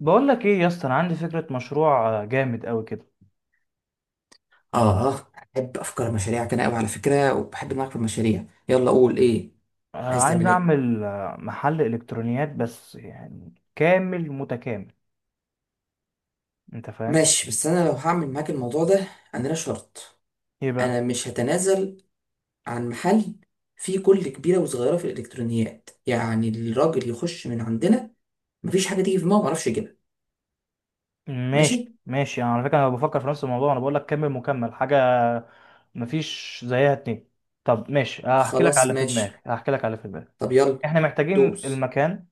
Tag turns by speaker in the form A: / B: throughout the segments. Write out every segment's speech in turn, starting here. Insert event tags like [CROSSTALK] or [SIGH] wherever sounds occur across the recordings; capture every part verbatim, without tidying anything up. A: بقول لك ايه يا اسطى، انا عندي فكره مشروع آه، جامد قوي كده.
B: اه. بحب افكار المشاريع كده قوي على فكره، وبحب معاك في المشاريع. يلا قول ايه
A: آه،
B: عايز
A: عايز
B: تعمل ايه؟
A: اعمل آه، محل الكترونيات، بس يعني كامل متكامل. انت فاهم؟
B: ماشي، بس انا لو هعمل معاك الموضوع ده، انا لا شرط.
A: ايه بقى؟
B: انا مش هتنازل عن محل فيه كل كبيره وصغيره في الالكترونيات. يعني الراجل يخش من عندنا مفيش حاجه تيجي في دماغه ما اعرفش يجيبها. ماشي.
A: ماشي ماشي، انا على فكره انا بفكر في نفس الموضوع، انا بقول لك كامل مكمل حاجه. مفيش زيها اتنين. طب ماشي، هحكي لك
B: خلاص
A: على في دماغي
B: ماشي.
A: هحكي لك على في دماغي.
B: طب يلا
A: احنا محتاجين
B: دوس.
A: المكان.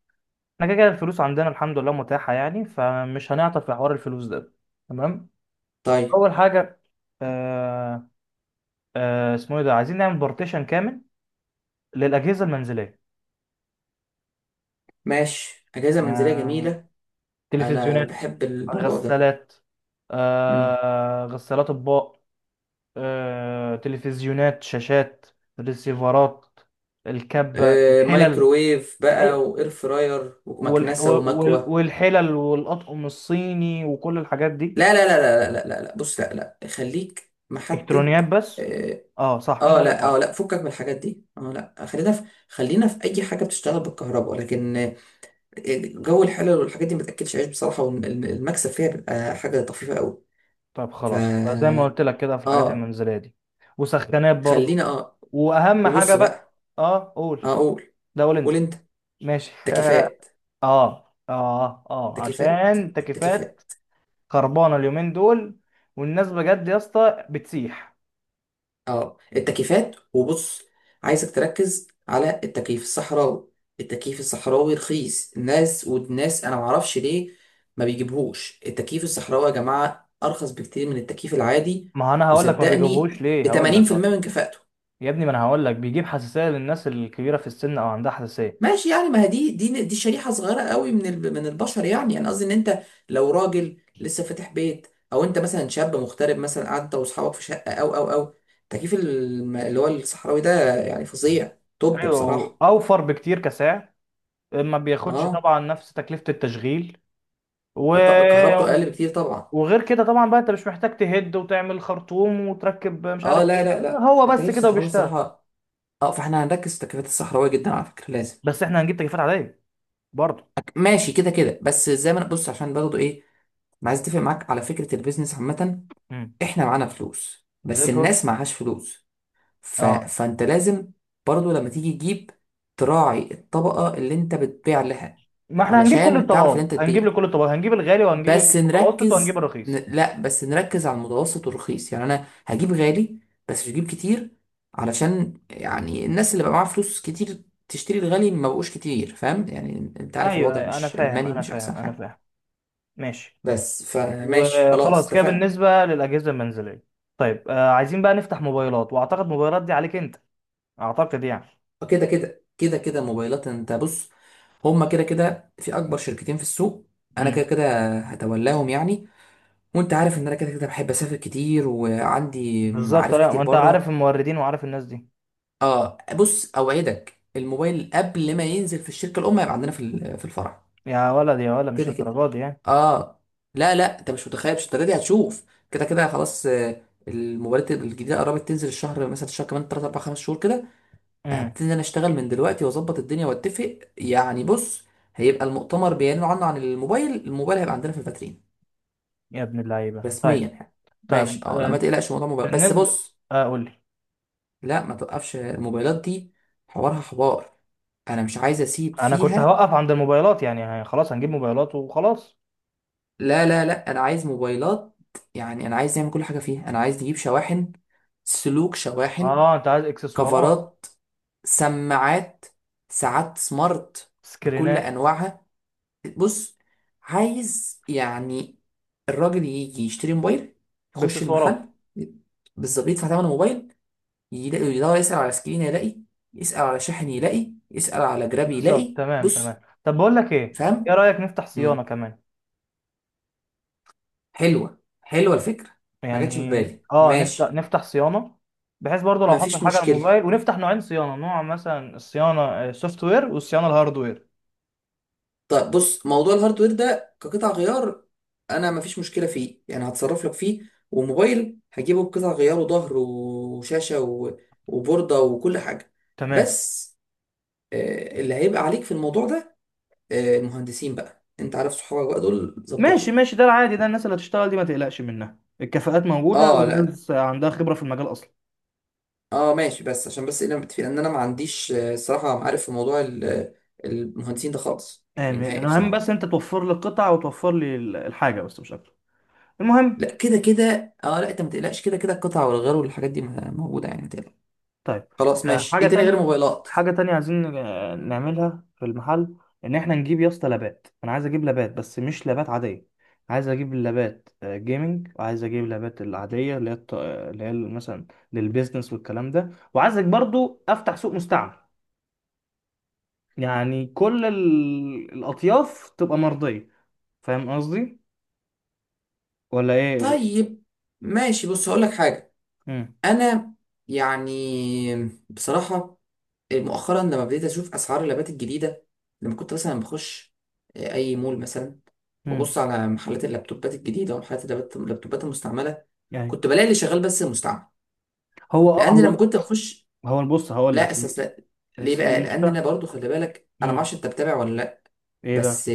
A: احنا كده كده الفلوس عندنا الحمد لله متاحه، يعني فمش هنعطل في حوار الفلوس ده. تمام.
B: طيب
A: اول حاجه. آه، آه، اسمه ايه ده، عايزين نعمل بارتيشن كامل للاجهزه المنزليه.
B: ماشي، اجازه منزليه
A: آه،
B: جميله. انا
A: تلفزيونات.
B: بحب الموضوع ده.
A: غسالات. آه، غسالات اطباق. آه، تلفزيونات، شاشات. ريسيفرات. الكبه،
B: آه،
A: الحلل.
B: مايكروويف بقى،
A: ايوه.
B: واير فراير
A: والح-
B: ومكنسه
A: وال-
B: ومكوه.
A: والحلل والاطقم الصيني وكل الحاجات دي.
B: لا لا لا لا لا لا لا، بص، لا لا، خليك محدد.
A: الكترونيات بس.
B: اه.
A: اه، صح انت
B: آه،
A: عندك
B: لا اه
A: حق.
B: لا، فكك من الحاجات دي. اه لا، خلينا في خلينا في اي حاجه بتشتغل بالكهرباء، لكن آه، جو الحلل والحاجات دي ما تاكلش عيش بصراحه، والمكسب فيها بيبقى حاجه طفيفه قوي.
A: طيب
B: ف
A: خلاص، يبقى زي ما قلت لك كده في الحاجات
B: اه.
A: المنزليه دي. وسخانات برضو.
B: خلينا اه.
A: واهم حاجه
B: وبص
A: بقى.
B: بقى.
A: اه، قول.
B: هقول
A: ده قول
B: قول
A: انت.
B: انت.
A: ماشي. [LAUGHS]
B: تكييفات.
A: اه اه اه،
B: تكييفات
A: عشان تكييفات
B: التكييفات.
A: خربانه اليومين دول، والناس بجد يا اسطى بتسيح.
B: اه التكييفات، وبص، عايزك تركز على التكييف الصحراوي. التكييف الصحراوي رخيص. الناس والناس انا معرفش ليه ما بيجيبهوش التكييف الصحراوي. يا جماعة ارخص بكتير من التكييف العادي.
A: ما انا هقول لك ما بيجيبوهوش
B: وصدقني ب
A: ليه، هقول لك
B: تمانين بالميه
A: اه.
B: من كفاءته.
A: يا ابني، ما انا هقول لك بيجيب حساسيه للناس الكبيره في السن او عندها حساسيه.
B: ماشي يعني، ما هي دي دي دي شريحة صغيرة قوي من ال- من البشر. يعني انا قصدي ان انت لو راجل لسه فاتح بيت، او انت مثلا شاب مغترب، مثلا قاعد انت واصحابك في شقة، او او او تكييف الم- اللي هو الصحراوي ده يعني فظيع، طب
A: ايوه،
B: بصراحة.
A: اوفر بكتير كسعر. ما بياخدش
B: اه.
A: طبعا نفس تكلفه التشغيل. و...
B: طب كهربته اقل بكتير طبعا.
A: وغير كده طبعا بقى انت مش محتاج تهد وتعمل خرطوم وتركب مش
B: اه
A: عارف
B: لا
A: ايه.
B: لا لا،
A: هو بس
B: التكييف
A: كده
B: الصحراوي
A: وبيشتغل.
B: الصراحة. اه فاحنا هنركز في التكييفات الصحراوية جدا على فكرة، لازم.
A: بس احنا هنجيب تكييفات عاديه برضه.
B: ماشي كده كده، بس زي ما انا بص، عشان برضه ايه، ما عايز اتفق معاك على فكرة البيزنس عامة. احنا معانا فلوس
A: زي
B: بس
A: الفل.
B: الناس معهاش فلوس. ف...
A: اه،
B: فانت لازم برضو لما تيجي تجيب تراعي الطبقة اللي انت بتبيع لها،
A: ما احنا هنجيب كل
B: علشان تعرف ان
A: الطبقات،
B: انت
A: هنجيب
B: تبيع.
A: لكل الطبقات، هنجيب الغالي وهنجيب
B: بس
A: المتوسط وهنجيب
B: نركز ن...
A: الرخيص.
B: لا بس نركز على المتوسط والرخيص. يعني انا هجيب غالي بس مش هجيب كتير، علشان يعني الناس اللي بقى معاها فلوس كتير تشتري الغالي ما بقوش كتير. فاهم يعني، انت عارف
A: ايوه
B: الوضع
A: ايوه، انا
B: مش
A: فاهم
B: المالي
A: انا
B: مش احسن
A: فاهم انا
B: حاجة.
A: فاهم. ماشي.
B: بس فماشي خلاص
A: وخلاص كده
B: اتفقنا.
A: بالنسبه للاجهزه المنزليه. طيب، آه عايزين بقى نفتح موبايلات، واعتقد موبايلات دي عليك انت. اعتقد يعني.
B: كده كده كده كده موبايلات. انت بص، هما كده كده في اكبر شركتين في السوق. انا كده
A: امم.
B: كده هتولاهم يعني، وانت عارف ان انا كده كده بحب اسافر كتير وعندي
A: بالظبط،
B: معارف
A: لا
B: كتير
A: ما انت عارف
B: بره.
A: الموردين وعارف الناس دي.
B: اه بص، اوعدك الموبايل قبل ما ينزل في الشركه الام هيبقى عندنا في ال- في الفرع.
A: يا ولد يا ولد، مش
B: كده كده.
A: للدرجه دي يعني.
B: اه. لا لا، انت مش متخيل، مش انت دي هتشوف. كده كده خلاص. آه، الموبايلات الجديده قربت تنزل الشهر، مثلا الشهر كمان تلاتة اربعة خمسة شهور كده.
A: امم.
B: هبتدي انا اشتغل من دلوقتي واظبط الدنيا واتفق. يعني بص، هيبقى المؤتمر بيعلنوا عنه عن الموبايل، الموبايل هيبقى عندنا في الفاترين
A: يا ابن اللعيبه، طيب.
B: رسميا يعني. ماشي
A: طيب،
B: اه، لا ما
A: آه.
B: تقلقش موضوع الموبايل. بس
A: بالنسبه.
B: بص،
A: آه قول لي.
B: لا ما توقفش الموبايلات دي، حوارها حوار، انا مش عايز اسيب
A: انا كنت
B: فيها.
A: هوقف عند الموبايلات يعني، آه، خلاص هنجيب موبايلات وخلاص.
B: لا لا لا، انا عايز موبايلات. يعني انا عايز نعمل كل حاجه فيها. انا عايز نجيب شواحن، سلوك، شواحن،
A: اه، انت عايز اكسسوارات.
B: كفرات، سماعات، ساعات سمارت بكل
A: سكرينات.
B: انواعها. بص، عايز يعني الراجل يجي يشتري موبايل، يخش
A: باكسسوارات.
B: المحل بالظبط يدفع ثمن الموبايل، يلاقي، يدور يسأل على سكرين يلاقي، يسأل على شاحن يلاقي، يسأل على جراب
A: بالظبط،
B: يلاقي.
A: تمام
B: بص
A: تمام، طب بقول لك ايه. ايه
B: فاهم.
A: رايك نفتح صيانه
B: مم.
A: كمان؟
B: حلوة حلوة الفكرة. ما جاتش في
A: يعني
B: بالي،
A: اه، نفتح
B: ماشي.
A: نفتح صيانه. بحيث برضو لو حصل
B: مفيش
A: حاجه على
B: مشكلة.
A: الموبايل، ونفتح نوعين صيانه، نوع مثلا الصيانه السوفت وير والصيانه الهاردوير.
B: طيب بص، موضوع الهاردوير ده كقطع غيار انا مفيش مشكله فيه، يعني هتصرف لك فيه. وموبايل هجيبه بقطع غيار، وظهر وشاشه و... وبورده وكل حاجه.
A: تمام.
B: بس آه، اللي هيبقى عليك في الموضوع ده، آه، المهندسين بقى، انت عارف صحابك بقى دول، ظبطهم.
A: ماشي ماشي، ده العادي ده، الناس اللي هتشتغل دي ما تقلقش منها، الكفاءات موجوده
B: اه لا.
A: والناس عندها خبره في المجال اصلا.
B: اه ماشي، بس عشان بس انا متفق ان انا ما عنديش، آه، الصراحه، عارف، في موضوع ال- المهندسين ده خالص يعني
A: آمين.
B: نهائي
A: انا المهم
B: بصراحه.
A: بس انت توفر لي القطع وتوفر لي ال- الحاجه، بس مش اكتر. المهم.
B: لا كده كده. اه لا، انت ما تقلقش، كده كده القطع والغيار والحاجات دي موجوده، يعني ما تقلقش.
A: طيب،
B: خلاص
A: آه،
B: ماشي.
A: حاجة
B: ايه تاني غير
A: تانية.
B: موبايلات؟
A: حاجة تانية عايزين آه، نعملها في المحل. إن إحنا نجيب يا اسطى لابات، أنا عايز أجيب لابات بس مش لابات عادية. عايز أجيب اللابات آه، جيمنج، وعايز أجيب اللابات العادية اللي هي الط- آه، اللي هي مثلا للبيزنس والكلام ده، وعايزك برضو أفتح سوق مستعمل. يعني كل ال- الأطياف تبقى مرضية. فاهم قصدي ولا إيه؟
B: طيب ماشي، بص هقول لك حاجه.
A: مم.
B: انا يعني بصراحه مؤخرا لما بديت اشوف اسعار اللابات الجديده، لما كنت مثلا بخش آه، اي مول مثلا،
A: مم.
B: وابص على محلات اللابتوبات الجديده ومحلات اللابت- اللابتوبات المستعمله،
A: يعني
B: كنت بلاقي اللي شغال بس المستعمل.
A: هو آه،
B: لان
A: هو
B: لما كنت بخش،
A: هو بص هقول
B: لا
A: لك.
B: اساس لا. ليه بقى؟ لان انا
A: المستعمل.
B: برضو خلي بالك، انا ما اعرفش انت بتابع ولا لا،
A: إيه بقى؟
B: بس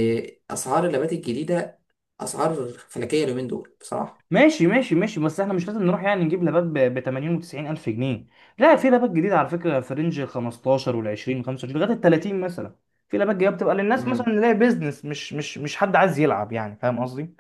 B: اسعار اللابات الجديده، اسعار فلكيه اليومين دول بصراحه.
A: ماشي ماشي ماشي، بس احنا مش لازم نروح يعني نجيب لابات ب تمانين و90 الف جنيه. لا، في لابات جديده على فكره في رينج خمستاشر وال عشرين خمسه وعشرين لغايه ال تلاتين مثلا. في لابات جديده بتبقى للناس مثلا
B: مم.
A: اللي هي بيزنس، مش مش مش حد عايز يلعب يعني، فاهم قصدي.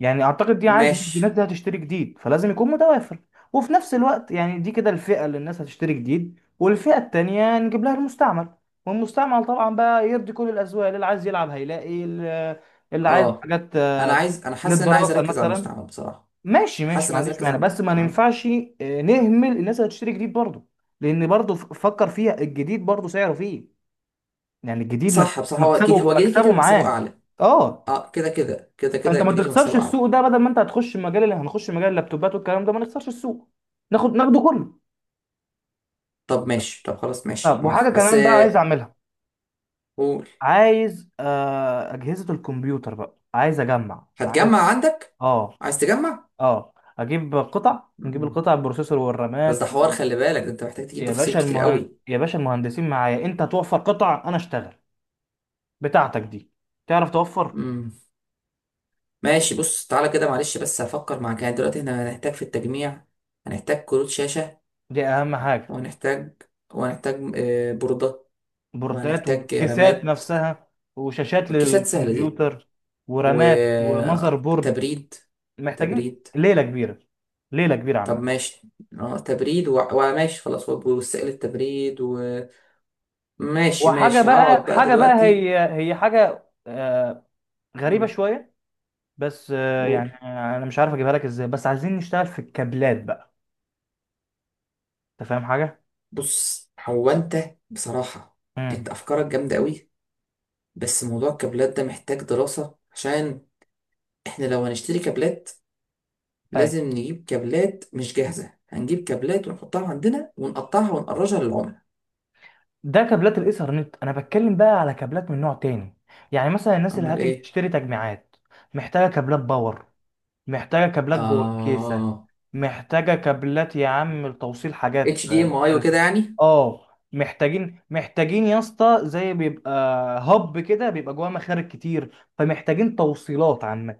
A: يعني اعتقد دي عادي،
B: ماشي.
A: الناس دي هتشتري جديد فلازم يكون متوافر. وفي نفس الوقت يعني دي كده الفئه اللي الناس هتشتري جديد، والفئه التانيه نجيب لها المستعمل. والمستعمل طبعا بقى يرضي كل الاذواق، اللي عايز يلعب هيلاقي، اللي اللي عايز
B: اه
A: حاجات
B: انا عايز، انا حاسس ان انا عايز
A: للدراسه
B: اركز على
A: مثلا.
B: المستعمل بصراحه.
A: ماشي
B: حاسس
A: ماشي،
B: ان
A: ما
B: انا عايز
A: عنديش
B: اركز
A: مانع،
B: على
A: بس ما
B: آه.
A: ننفعش آه، نهمل الناس اللي هتشتري جديد برضه. لان برضه، ف- فكر فيها، الجديد برضه سعره فيه. يعني الجديد مك-
B: صح بصراحه، هو اكيد
A: مكسبه
B: هو جديد كده
A: مكسبه
B: كده مكسبه
A: معاه.
B: اعلى.
A: اه،
B: اه كده كده كده كده
A: فانت ما
B: الجديد
A: تخسرش
B: مكسبه اعلى.
A: السوق ده، بدل ما انت هتخش مجال، اللي هنخش مجال اللابتوبات والكلام ده ما نخسرش السوق. ناخد ناخده كله.
B: طب ماشي، طب خلاص ماشي
A: طب وحاجه
B: موافق، بس
A: كمان بقى عايز
B: آه،
A: اعملها.
B: قول.
A: عايز آه اجهزه الكمبيوتر، بقى عايز اجمع، عايز
B: هتجمع عندك؟
A: اه
B: عايز تجمع.
A: اه، اجيب قطع، نجيب
B: مم.
A: القطع البروسيسور
B: بس ده
A: والرامات.
B: حوار خلي بالك، ده انت محتاج تجيب
A: يا
B: تفاصيل
A: باشا
B: كتير
A: المهن...
B: قوي.
A: يا باشا المهندسين معايا، انت توفر قطع انا اشتغل. بتاعتك دي. تعرف توفر.
B: مم. ماشي بص، تعالى كده معلش بس هفكر معاك. يعني دلوقتي احنا هنحتاج في التجميع، هنحتاج كروت شاشه،
A: دي اهم حاجة.
B: وهنحتاج وهنحتاج آه، بوردات،
A: بوردات
B: وهنحتاج
A: وكيسات
B: رامات.
A: نفسها. وشاشات
B: الكيسات سهلة دي.
A: للكمبيوتر. ورامات ومذر بورد.
B: وتبريد.
A: محتاجين
B: تبريد.
A: ليلة كبيرة. ليلة كبيرة
B: طب
A: عامة.
B: ماشي، اه تبريد و- وماشي خلاص، وب- وسائل التبريد. وماشي
A: وحاجة
B: ماشي، هقعد
A: بقى
B: بقى
A: حاجة بقى
B: دلوقتي.
A: هي هي حاجة آه، غريبة
B: مم،
A: شوية. بس آه،
B: قول.
A: يعني انا مش عارف اجيبها لك ازاي، بس عايزين نشتغل في الكابلات بقى. انت فاهم حاجة؟
B: بص هو انت بصراحة
A: امم.
B: انت افكارك جامدة قوي. بس موضوع الكابلات ده محتاج دراسة، عشان احنا لو هنشتري كابلات لازم نجيب كابلات مش جاهزة. هنجيب كابلات ونحطها عندنا ونقطعها ونقرجها للعملاء.
A: ده كابلات الايثرنت، انا بتكلم بقى على كابلات من نوع تاني. يعني مثلا الناس اللي
B: امال
A: هتيجي
B: ايه.
A: تشتري تجميعات محتاجه كابلات باور، محتاجه كابلات جوه الكيسه،
B: اه،
A: محتاجه كابلات يا عم لتوصيل حاجات
B: اتش دي ام اي
A: مختلفه.
B: وكده يعني.
A: اه. محتاجين محتاجين يا اسطى، زي بيبقى هب كده بيبقى جواه مخارج كتير، فمحتاجين توصيلات عامه.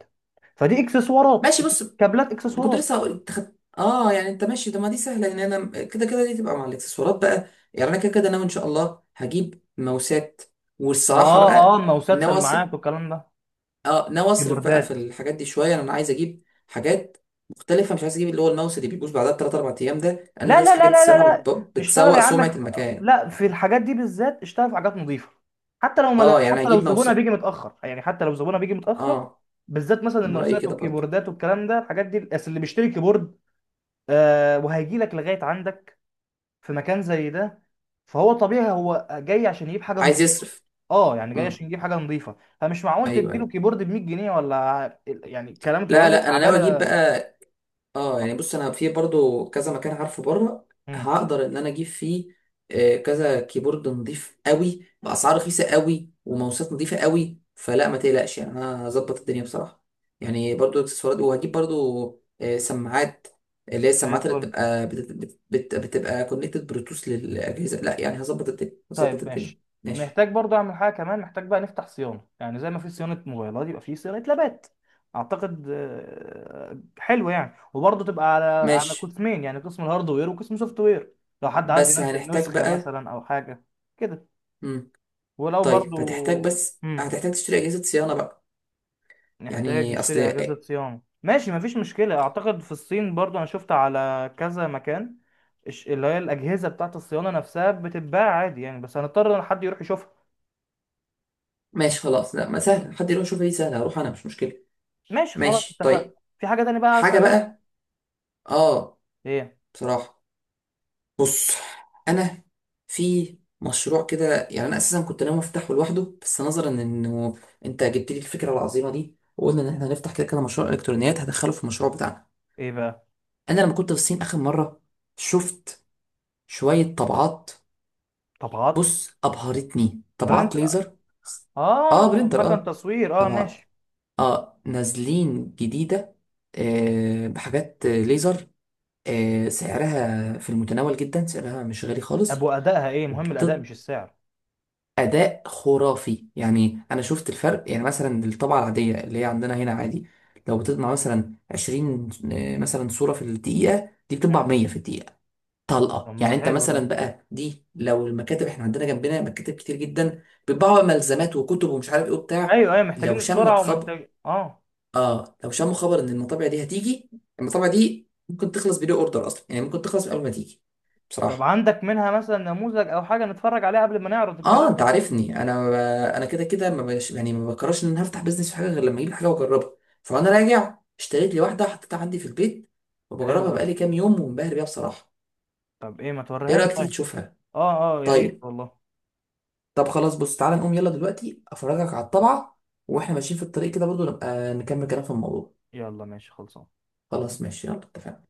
A: فدي اكسسوارات.
B: ماشي بص،
A: كابلات
B: كنت
A: اكسسوارات.
B: لسه هقول تخ... اه، يعني انت ماشي، ده ما دي سهله، ان انا كده كده دي تبقى مع الاكسسوارات بقى. يعني انا كده كده ناوي ان شاء الله هجيب ماوسات. والصراحه
A: اه اه،
B: بقى
A: ماوسات
B: ناوي اصرف،
A: سماعات والكلام ده.
B: اه ناوي اصرف بقى في
A: كيبوردات.
B: الحاجات دي شويه. يعني انا عايز اجيب حاجات مختلفه، مش عايز اجيب اللي هو الماوس اللي بيبوظ بعدها بثلاث اربع ايام ده، انا
A: لا
B: ده
A: لا لا
B: الحاجات دي
A: لا لا
B: الصراحه
A: لا.
B: بت-
A: اشتغل
B: بتسوق
A: يا عم
B: سمعه
A: في-
B: المكان.
A: لا، في الحاجات دي بالذات اشتغل في حاجات نظيفه. حتى لو مل...
B: اه يعني
A: حتى لو
B: هجيب ماوس.
A: زبونها بيجي متاخر، يعني حتى لو زبونها بيجي متاخر.
B: اه
A: بالذات مثلا
B: انا رايي
A: الماوسات
B: كده برضو.
A: والكيبوردات والكلام ده، الحاجات دي اصل اللي بيشتري كيبورد آه وهيجي لك لغايه عندك في مكان زي ده، فهو طبيعي هو جاي عشان يجيب حاجه
B: عايز
A: نظيفه.
B: يصرف.
A: اه، يعني جاي
B: امم.
A: عشان يجيب حاجه نظيفه، فمش معقول
B: ايوه
A: تديله
B: ايوه.
A: كيبورد ب ميت جنيه ولا يعني كلام
B: لا
A: كيبوردات
B: لا، انا ناوي
A: تعبانه
B: اجيب
A: آه،
B: بقى. اه يعني بص، انا في برضو كذا مكان عارفه بره
A: مم.
B: هقدر ان انا اجيب فيه آه، كذا كيبورد نضيف قوي باسعار رخيصه قوي وماوسات نضيفه قوي. فلا ما تقلقش، يعني انا هظبط الدنيا بصراحه. يعني برضو اكسسوارات، وهجيب برضو آه، سماعات، اللي هي
A: زي
B: السماعات اللي
A: الفل.
B: بتبقى بت- بت- بت- بتبقى كونكتد بلوتوث للاجهزه. لا يعني هظبط الدنيا، هظبط
A: طيب
B: الدنيا.
A: ماشي.
B: ماشي.
A: محتاج برضه اعمل حاجه كمان، محتاج بقى نفتح صيانه، يعني زي ما في صيانه موبايلات يبقى في صيانه لابات. اعتقد آه، حلو يعني، وبرضه تبقى على على
B: ماشي
A: قسمين، يعني قسم الهاردوير وقسم سوفت وير. لو حد عايز
B: بس
A: ينزل
B: هنحتاج
A: نسخه
B: بقى.
A: مثلا او حاجه كده.
B: مم.
A: ولو
B: طيب
A: برضه
B: هتحتاج، بس
A: مم.
B: هتحتاج تشتري اجهزه صيانه بقى.
A: نحتاج
B: يعني اصل.
A: نشتري اجهزه صيانه، ماشي مفيش مشكله، اعتقد في الصين برضه انا شفت على كذا مكان. الش- اللي هي الاجهزه بتاعت الصيانه نفسها بتتباع عادي يعني، بس هنضطر ان حد يروح يشوفها.
B: ماشي خلاص، لا ما سهل حد يروح يشوف ايه سهل، هروح انا مش مشكله.
A: ماشي خلاص
B: ماشي
A: اتفقنا.
B: طيب.
A: في حاجة تانية بقى عايز
B: حاجه
A: تعملها؟
B: بقى. اه
A: ايه؟
B: بصراحه، بص انا في مشروع كده، يعني انا اساسا كنت ناوي افتحه لوحده، بس نظرا انه انت جبت لي الفكره العظيمه دي وقلنا ان احنا هنفتح كده كده مشروع الكترونيات، هدخله في المشروع بتاعنا.
A: ايه بقى؟
B: انا لما كنت في الصين اخر مره شفت شويه طبعات.
A: طبعات.
B: بص ابهرتني
A: برنت.
B: طبعات ليزر. اه
A: اه،
B: برينتر،
A: مكان
B: اه
A: تصوير، اه
B: طبعا.
A: ماشي.
B: اه نازلين جديدة، آه بحاجات ليزر. آه سعرها في المتناول جدا، سعرها مش غالي
A: طب
B: خالص.
A: وادائها ايه، مهم الاداء مش
B: وبتدي
A: السعر.
B: أداء خرافي. يعني أنا شفت الفرق يعني، مثلا الطبعة العادية اللي هي عندنا هنا عادي لو بتطبع مثلا عشرين آه، مثلا صورة في الدقيقة، دي بتطبع
A: مم.
B: مية في الدقيقة
A: طب
B: طلقة.
A: ما
B: يعني انت
A: حلو ده.
B: مثلا بقى دي لو المكاتب، احنا عندنا جنبنا مكاتب كتير جدا بيطبعوا ملزمات وكتب ومش عارف ايه وبتاع،
A: ايوه ايوه،
B: لو
A: محتاجين
B: شمت
A: السرعة
B: خب
A: ومحتاج اه.
B: اه لو شموا خبر ان المطابع دي هتيجي، المطابع دي ممكن تخلص بدون اوردر اصلا، يعني ممكن تخلص قبل ما تيجي
A: طب
B: بصراحه.
A: عندك منها مثلا نموذج او حاجة نتفرج عليها قبل ما نعرض الكلام
B: اه انت
A: ده؟
B: عارفني، انا ب... انا كده كده ما بش... يعني ما بكررش ان انا هفتح بيزنس في حاجه غير لما اجيب حاجه واجربها. فانا راجع اشتريت لي واحده، حطيتها عندي في البيت
A: حلو
B: وبجربها
A: ده.
B: بقالي كام يوم، ومنبهر بيها بصراحه.
A: طب ايه، ما
B: ايه
A: توريهاني
B: رايك تيجي
A: طيب.
B: تشوفها؟
A: اه اه، يا ريت
B: طيب.
A: والله.
B: طب خلاص بص تعالى نقوم يلا دلوقتي افرجك على الطبعه، واحنا ماشيين في الطريق كده برضو نبقى نكمل كلام في الموضوع.
A: يلا ماشي خلصان.
B: خلاص ماشي يلا اتفقنا.